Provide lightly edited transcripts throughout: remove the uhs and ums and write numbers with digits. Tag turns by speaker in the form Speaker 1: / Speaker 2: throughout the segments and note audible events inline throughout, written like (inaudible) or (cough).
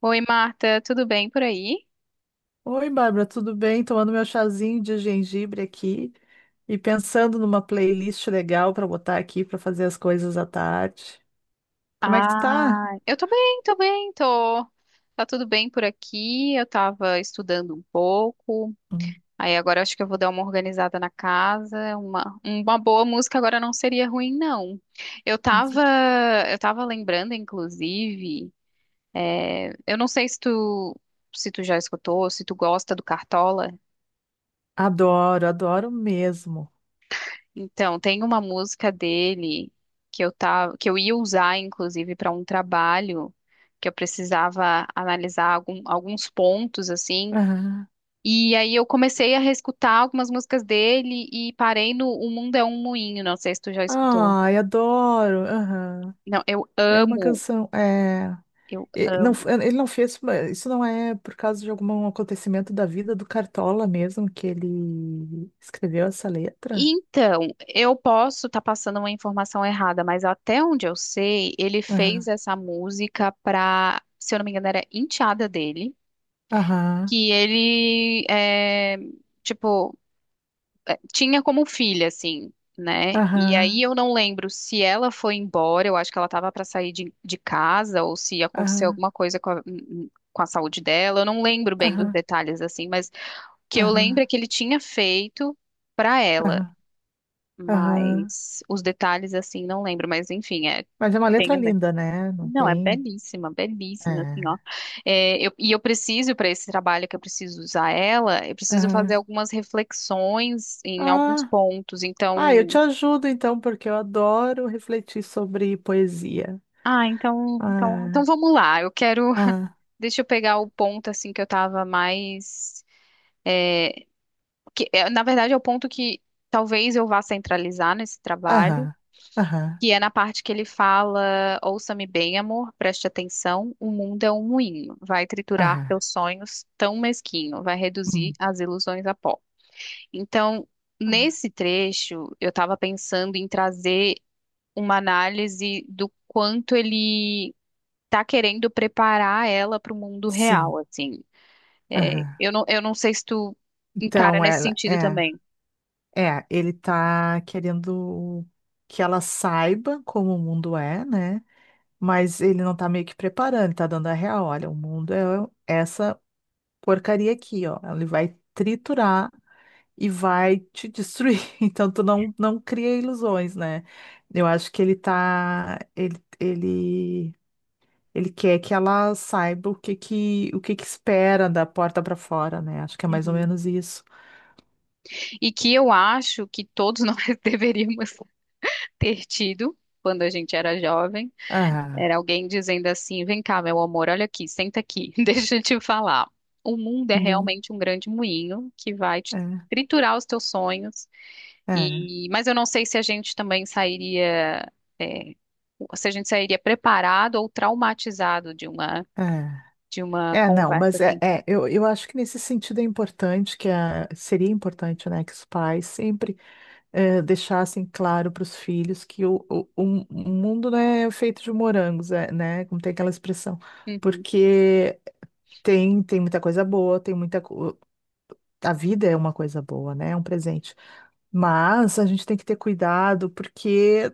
Speaker 1: Oi, Marta, tudo bem por aí?
Speaker 2: Oi, Bárbara, tudo bem? Tomando meu chazinho de gengibre aqui e pensando numa playlist legal para botar aqui para fazer as coisas à tarde. Como é que tu
Speaker 1: Ah,
Speaker 2: tá?
Speaker 1: eu tô bem, tô bem, tô. Tá tudo bem por aqui. Eu tava estudando um pouco.
Speaker 2: Hum.
Speaker 1: Aí agora acho que eu vou dar uma organizada na casa. Uma boa música agora não seria ruim, não. Eu
Speaker 2: com cer-
Speaker 1: tava, eu tava lembrando, inclusive, eu não sei se tu já escutou, se tu gosta do Cartola.
Speaker 2: Adoro, adoro mesmo.
Speaker 1: Então, tem uma música dele que eu ia usar, inclusive, para um trabalho que eu precisava analisar alguns pontos assim.
Speaker 2: Aham.
Speaker 1: E aí eu comecei a reescutar algumas músicas dele e parei no O Mundo é um Moinho. Não sei se tu já escutou.
Speaker 2: Ai, adoro. Aham.
Speaker 1: Não, eu
Speaker 2: É uma
Speaker 1: amo,
Speaker 2: canção.
Speaker 1: eu
Speaker 2: Não,
Speaker 1: amo.
Speaker 2: ele não fez. Isso não é por causa de algum acontecimento da vida do Cartola mesmo que ele escreveu essa letra?
Speaker 1: Então, eu posso estar passando uma informação errada, mas até onde eu sei, ele fez
Speaker 2: Aham,
Speaker 1: essa música para, se eu não me engano, era enteada dele,
Speaker 2: aham,
Speaker 1: que ele tipo tinha como filha assim, né? E
Speaker 2: aham,
Speaker 1: aí eu não lembro se ela foi embora, eu acho que ela tava para sair de casa ou se aconteceu
Speaker 2: aham,
Speaker 1: alguma coisa com a saúde dela. Eu não lembro bem dos
Speaker 2: aham.
Speaker 1: detalhes assim, mas o que eu lembro é
Speaker 2: Aham,
Speaker 1: que ele tinha feito para ela,
Speaker 2: aham, aham.
Speaker 1: mas os detalhes assim não lembro, mas enfim,
Speaker 2: Mas é uma
Speaker 1: tem
Speaker 2: letra linda, né? Não
Speaker 1: não, é
Speaker 2: tem.
Speaker 1: belíssima, belíssima, assim, ó.
Speaker 2: É.
Speaker 1: É, e eu preciso, para esse trabalho que eu preciso usar ela, eu preciso
Speaker 2: Aham.
Speaker 1: fazer algumas reflexões em alguns
Speaker 2: Ah,
Speaker 1: pontos.
Speaker 2: ah, eu te
Speaker 1: Então,
Speaker 2: ajudo então, porque eu adoro refletir sobre poesia.
Speaker 1: ah, então,
Speaker 2: Ah,
Speaker 1: vamos lá. Eu quero, (laughs)
Speaker 2: ah,
Speaker 1: deixa eu pegar o ponto, assim, que eu tava mais, na verdade, é o ponto que talvez eu vá centralizar nesse trabalho,
Speaker 2: aham, aham,
Speaker 1: que é na parte que ele fala: Ouça-me bem, amor, preste atenção. O mundo é um moinho, vai triturar
Speaker 2: aham.
Speaker 1: teus sonhos tão mesquinho, vai reduzir
Speaker 2: Hum,
Speaker 1: as ilusões a pó. Então,
Speaker 2: ah,
Speaker 1: nesse trecho, eu estava pensando em trazer uma análise do quanto ele está querendo preparar ela para o mundo real,
Speaker 2: sim,
Speaker 1: assim. É,
Speaker 2: aham.
Speaker 1: eu não sei se tu encara
Speaker 2: Então,
Speaker 1: nesse
Speaker 2: ela
Speaker 1: sentido
Speaker 2: é,
Speaker 1: também.
Speaker 2: ele tá querendo que ela saiba como o mundo é, né? Mas ele não tá meio que preparando, ele tá dando a real. Olha, o mundo é essa porcaria aqui, ó. Ele vai triturar e vai te destruir. (laughs) Então tu não, não cria ilusões, né? Eu acho que ele tá, ele quer que ela saiba o que que espera da porta para fora, né? Acho que é mais ou
Speaker 1: Uhum.
Speaker 2: menos isso.
Speaker 1: E que eu acho que todos (laughs) nós deveríamos ter tido quando a gente era jovem,
Speaker 2: Ah,
Speaker 1: era alguém dizendo assim: vem cá, meu amor, olha aqui, senta aqui, (laughs) deixa eu te falar. O mundo é
Speaker 2: bom,
Speaker 1: realmente um grande moinho que vai te
Speaker 2: é,
Speaker 1: triturar os teus sonhos.
Speaker 2: é,
Speaker 1: E, mas eu não sei se a gente também sairia, é, se a gente sairia preparado ou traumatizado
Speaker 2: é.
Speaker 1: de uma
Speaker 2: É, não,
Speaker 1: conversa
Speaker 2: mas é,
Speaker 1: assim.
Speaker 2: eu, acho que nesse sentido é importante seria importante, né, que os pais sempre deixassem claro para os filhos que o mundo não é feito de morangos, é, né? Como tem aquela expressão.
Speaker 1: Uhum,
Speaker 2: Porque tem, muita coisa boa, tem muita. A vida é uma coisa boa, né? É um presente. Mas a gente tem que ter cuidado, porque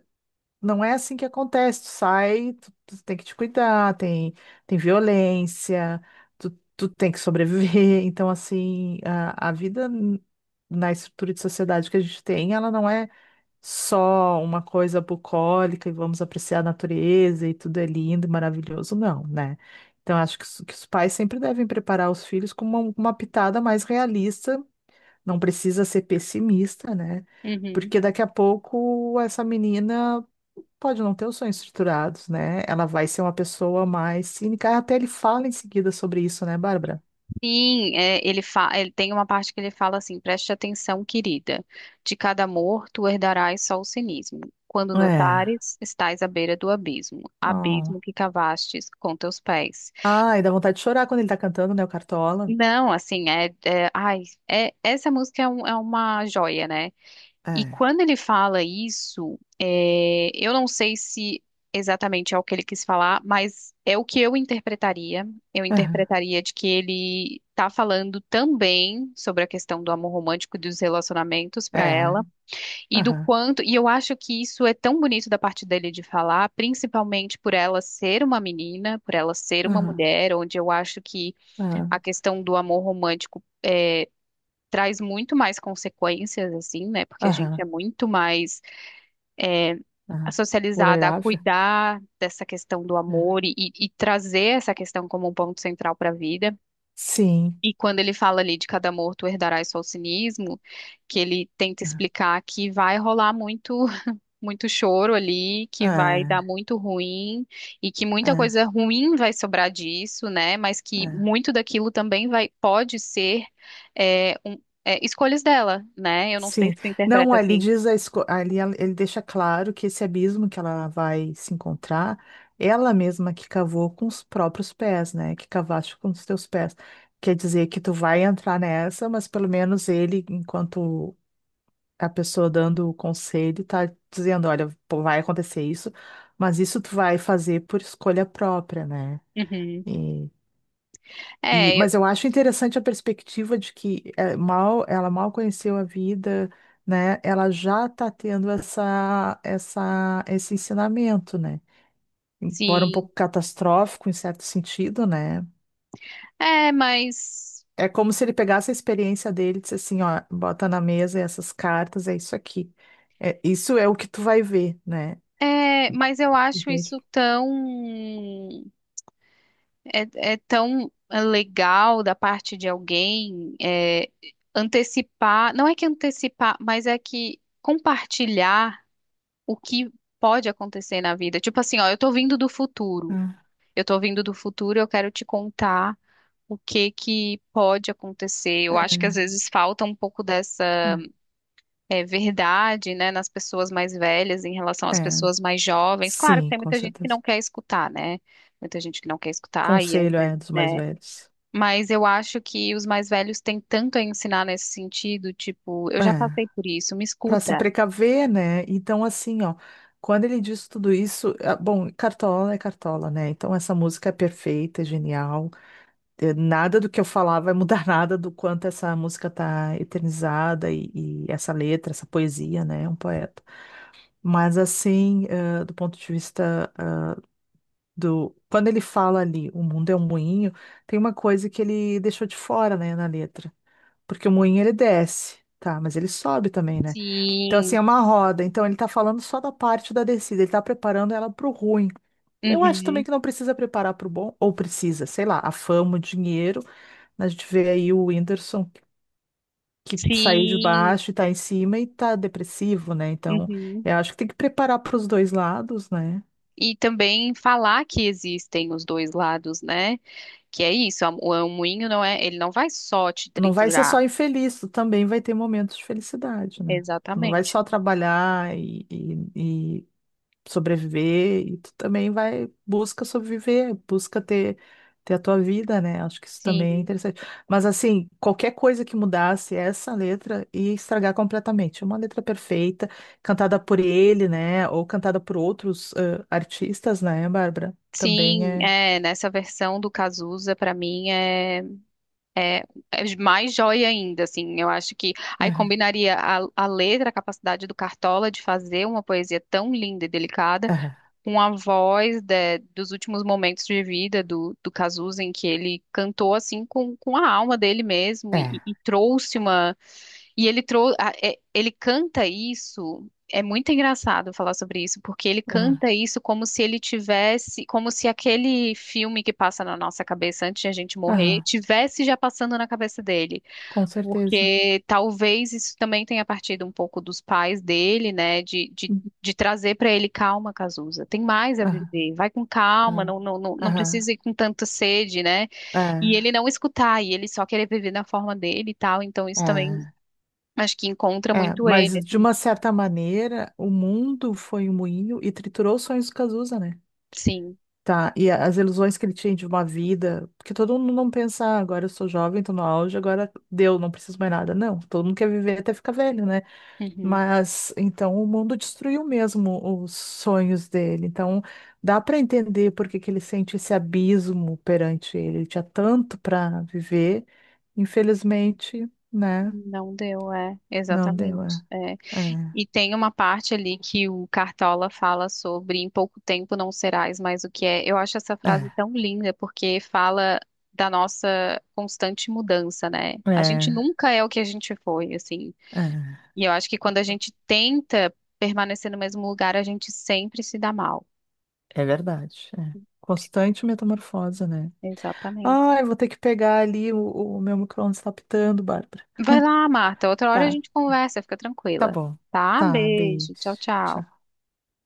Speaker 2: não é assim que acontece. Tu sai, tu, tem que te cuidar, tem, violência, tu, tem que sobreviver. (laughs) Então, assim, a, vida. Na estrutura de sociedade que a gente tem, ela não é só uma coisa bucólica e vamos apreciar a natureza e tudo é lindo e maravilhoso, não, né? Então, acho que os pais sempre devem preparar os filhos com uma, pitada mais realista, não precisa ser pessimista, né?
Speaker 1: uhum.
Speaker 2: Porque daqui a pouco essa menina pode não ter os sonhos estruturados, né? Ela vai ser uma pessoa mais cínica. Até ele fala em seguida sobre isso, né, Bárbara?
Speaker 1: Sim, ele tem uma parte que ele fala assim: preste atenção, querida, de cada amor tu herdarás só o cinismo. Quando
Speaker 2: É.
Speaker 1: notares, estás à beira do abismo, abismo
Speaker 2: Oh.
Speaker 1: que cavastes com teus pés.
Speaker 2: Ai, dá vontade de chorar quando ele tá cantando, né, o Cartola?
Speaker 1: Não, assim, ai, essa música é uma joia, né? E
Speaker 2: É.
Speaker 1: quando ele fala isso, eu não sei se exatamente é o que ele quis falar, mas é o que eu interpretaria. Eu
Speaker 2: Aham.
Speaker 1: interpretaria de que ele está falando também sobre a questão do amor romântico e dos relacionamentos para
Speaker 2: É.
Speaker 1: ela, e do
Speaker 2: Aham.
Speaker 1: quanto. E eu acho que isso é tão bonito da parte dele de falar, principalmente por ela ser uma menina, por ela ser uma
Speaker 2: Aham,
Speaker 1: mulher, onde eu acho que a
Speaker 2: aham,
Speaker 1: questão do amor romântico, traz muito mais consequências, assim, né? Porque a gente
Speaker 2: aham,
Speaker 1: é muito mais
Speaker 2: aham.
Speaker 1: socializada a
Speaker 2: Vulnerável?
Speaker 1: cuidar dessa questão do
Speaker 2: Né?
Speaker 1: amor e trazer essa questão como um ponto central para a vida.
Speaker 2: Sim.
Speaker 1: E quando ele fala ali de cada amor tu herdarás só o cinismo, que ele tenta explicar que vai rolar muito muito choro ali, que vai dar
Speaker 2: Ah,
Speaker 1: muito ruim e que muita
Speaker 2: ah,
Speaker 1: coisa ruim vai sobrar disso, né? Mas que
Speaker 2: ah.
Speaker 1: muito daquilo também vai pode ser escolhas dela, né? Eu não sei
Speaker 2: Sim.
Speaker 1: se tu
Speaker 2: Não,
Speaker 1: interpreta
Speaker 2: ali
Speaker 1: assim.
Speaker 2: diz a esco... ali ela- ele deixa claro que esse abismo que ela vai se encontrar, ela mesma que cavou com os próprios pés, né? Que cavaste com os teus pés. Quer dizer que tu vai entrar nessa, mas pelo menos ele, enquanto a pessoa dando o conselho, tá dizendo, olha, pô, vai acontecer isso, mas isso tu vai fazer por escolha própria, né?
Speaker 1: Uhum.
Speaker 2: E,
Speaker 1: É,
Speaker 2: mas eu acho interessante a perspectiva de que mal, ela mal conheceu a vida, né? Ela já está tendo esse ensinamento, né? Embora um
Speaker 1: sim.
Speaker 2: pouco catastrófico em certo sentido, né?
Speaker 1: É, mas
Speaker 2: É como se ele pegasse a experiência dele e disse assim, ó, bota na mesa essas cartas, é isso aqui. É, isso é o que tu vai ver, né?
Speaker 1: é, mas eu acho
Speaker 2: Entende?
Speaker 1: isso tão é tão legal da parte de alguém, antecipar, não é que antecipar, mas é que compartilhar o que pode acontecer na vida. Tipo assim, ó, eu tô vindo do
Speaker 2: É,
Speaker 1: futuro. Eu tô vindo do futuro, eu quero te contar o que que pode acontecer. Eu acho que às
Speaker 2: é,
Speaker 1: vezes falta um pouco dessa verdade, né, nas pessoas mais velhas em relação
Speaker 2: é.
Speaker 1: às
Speaker 2: É.
Speaker 1: pessoas mais jovens. Claro que
Speaker 2: Sim,
Speaker 1: tem
Speaker 2: com
Speaker 1: muita gente que
Speaker 2: certeza.
Speaker 1: não quer escutar, né? Muita gente que não quer escutar e às
Speaker 2: Conselho é
Speaker 1: vezes,
Speaker 2: dos mais
Speaker 1: né?
Speaker 2: velhos.
Speaker 1: Mas eu acho que os mais velhos têm tanto a ensinar nesse sentido, tipo, eu já
Speaker 2: É.
Speaker 1: passei por isso, me
Speaker 2: Para se
Speaker 1: escuta.
Speaker 2: precaver, né? Então, assim, ó, quando ele diz tudo isso, ah, bom, Cartola é Cartola, né? Então, essa música é perfeita, é genial. Nada do que eu falar vai mudar (laughs) nada do quanto essa música tá eternizada e essa letra, essa poesia, né? É um poeta. Mas, assim, do ponto de vista do. Quando ele fala ali, o mundo é um moinho, tem uma coisa que ele deixou de fora, né, na letra. Porque o moinho ele desce, tá? Mas ele sobe também, né? Então, assim, é
Speaker 1: Sim.
Speaker 2: uma roda. Então, ele tá falando só da parte da descida, ele tá preparando ela pro ruim. Eu acho também
Speaker 1: Uhum.
Speaker 2: que não precisa preparar pro bom, ou precisa, sei lá, a fama, o dinheiro. A gente vê aí o Whindersson que saiu de
Speaker 1: Sim,
Speaker 2: baixo e tá em cima e tá depressivo, né? Então,
Speaker 1: uhum.
Speaker 2: eu acho que tem que preparar pros dois lados, né?
Speaker 1: E também falar que existem os dois lados, né? Que é isso, o moinho não é, ele não vai só te
Speaker 2: Não vai ser só
Speaker 1: triturar.
Speaker 2: infeliz, tu também vai ter momentos de felicidade, né? Tu não vai
Speaker 1: Exatamente.
Speaker 2: só trabalhar e sobreviver e tu também vai busca sobreviver, busca ter a tua vida, né? Acho que isso também é
Speaker 1: Sim,
Speaker 2: interessante. Mas assim, qualquer coisa que mudasse essa letra ia estragar completamente. É uma letra perfeita, cantada por ele, né? Ou cantada por outros artistas, né, Bárbara? Também
Speaker 1: sim,
Speaker 2: é.
Speaker 1: nessa versão do Cazuza, pra mim, é, é mais joia ainda, assim, eu acho que aí
Speaker 2: Aham,
Speaker 1: combinaria a letra, a capacidade do Cartola de fazer uma poesia tão linda e delicada,
Speaker 2: aham,
Speaker 1: com a voz dos últimos momentos de vida do Cazuza, em que ele cantou assim com a alma dele mesmo e,
Speaker 2: é.
Speaker 1: e trouxe uma. E ele trouxe. Ele canta isso. É muito engraçado falar sobre isso, porque ele
Speaker 2: Aham,
Speaker 1: canta isso como se ele tivesse, como se aquele filme que passa na nossa cabeça antes de a gente morrer,
Speaker 2: aham,
Speaker 1: tivesse já passando na cabeça dele.
Speaker 2: com certeza.
Speaker 1: Porque talvez isso também tenha partido um pouco dos pais dele, né? De trazer para ele calma, Cazuza. Tem mais a
Speaker 2: Aham,
Speaker 1: viver. Vai com calma,
Speaker 2: aham,
Speaker 1: não, não, não, não
Speaker 2: aham,
Speaker 1: precisa ir com tanta sede, né?
Speaker 2: é,
Speaker 1: E ele não escutar, e ele só querer viver na forma dele e tal. Então isso também
Speaker 2: é.
Speaker 1: acho que encontra
Speaker 2: É,
Speaker 1: muito ele,
Speaker 2: mas de
Speaker 1: assim.
Speaker 2: uma certa maneira, o mundo foi um moinho e triturou os sonhos do Cazuza, né?
Speaker 1: Sim.
Speaker 2: Tá, e as ilusões que ele tinha de uma vida, porque todo mundo não pensa, "Ah, agora eu sou jovem, tô no auge, agora deu, não preciso mais nada. Não, todo mundo quer viver até ficar velho, né?
Speaker 1: Uhum.
Speaker 2: Mas então o mundo destruiu mesmo os sonhos dele. Então dá para entender por que que ele sente esse abismo perante ele. Ele tinha tanto para viver, infelizmente, né?
Speaker 1: Não deu, é,
Speaker 2: Não deu,
Speaker 1: exatamente.
Speaker 2: é.
Speaker 1: É.
Speaker 2: É.
Speaker 1: E tem uma parte ali que o Cartola fala sobre em pouco tempo não serás mais o que é. Eu acho essa frase
Speaker 2: É.
Speaker 1: tão linda porque fala da nossa constante mudança, né? A gente
Speaker 2: É,
Speaker 1: nunca é o que a gente foi, assim.
Speaker 2: é,
Speaker 1: E eu acho que quando a gente tenta permanecer no mesmo lugar, a gente sempre se dá mal.
Speaker 2: é verdade. É. Constante metamorfose, né?
Speaker 1: Exatamente.
Speaker 2: Ai, vou ter que pegar ali, o, meu micro-ondas tá pitando, Bárbara.
Speaker 1: Vai lá, Marta, outra hora a
Speaker 2: Tá,
Speaker 1: gente
Speaker 2: tá,
Speaker 1: conversa, fica
Speaker 2: tá
Speaker 1: tranquila.
Speaker 2: bom.
Speaker 1: Tá?
Speaker 2: Tá, beijo.
Speaker 1: Beijo, tchau, tchau.
Speaker 2: Tchau.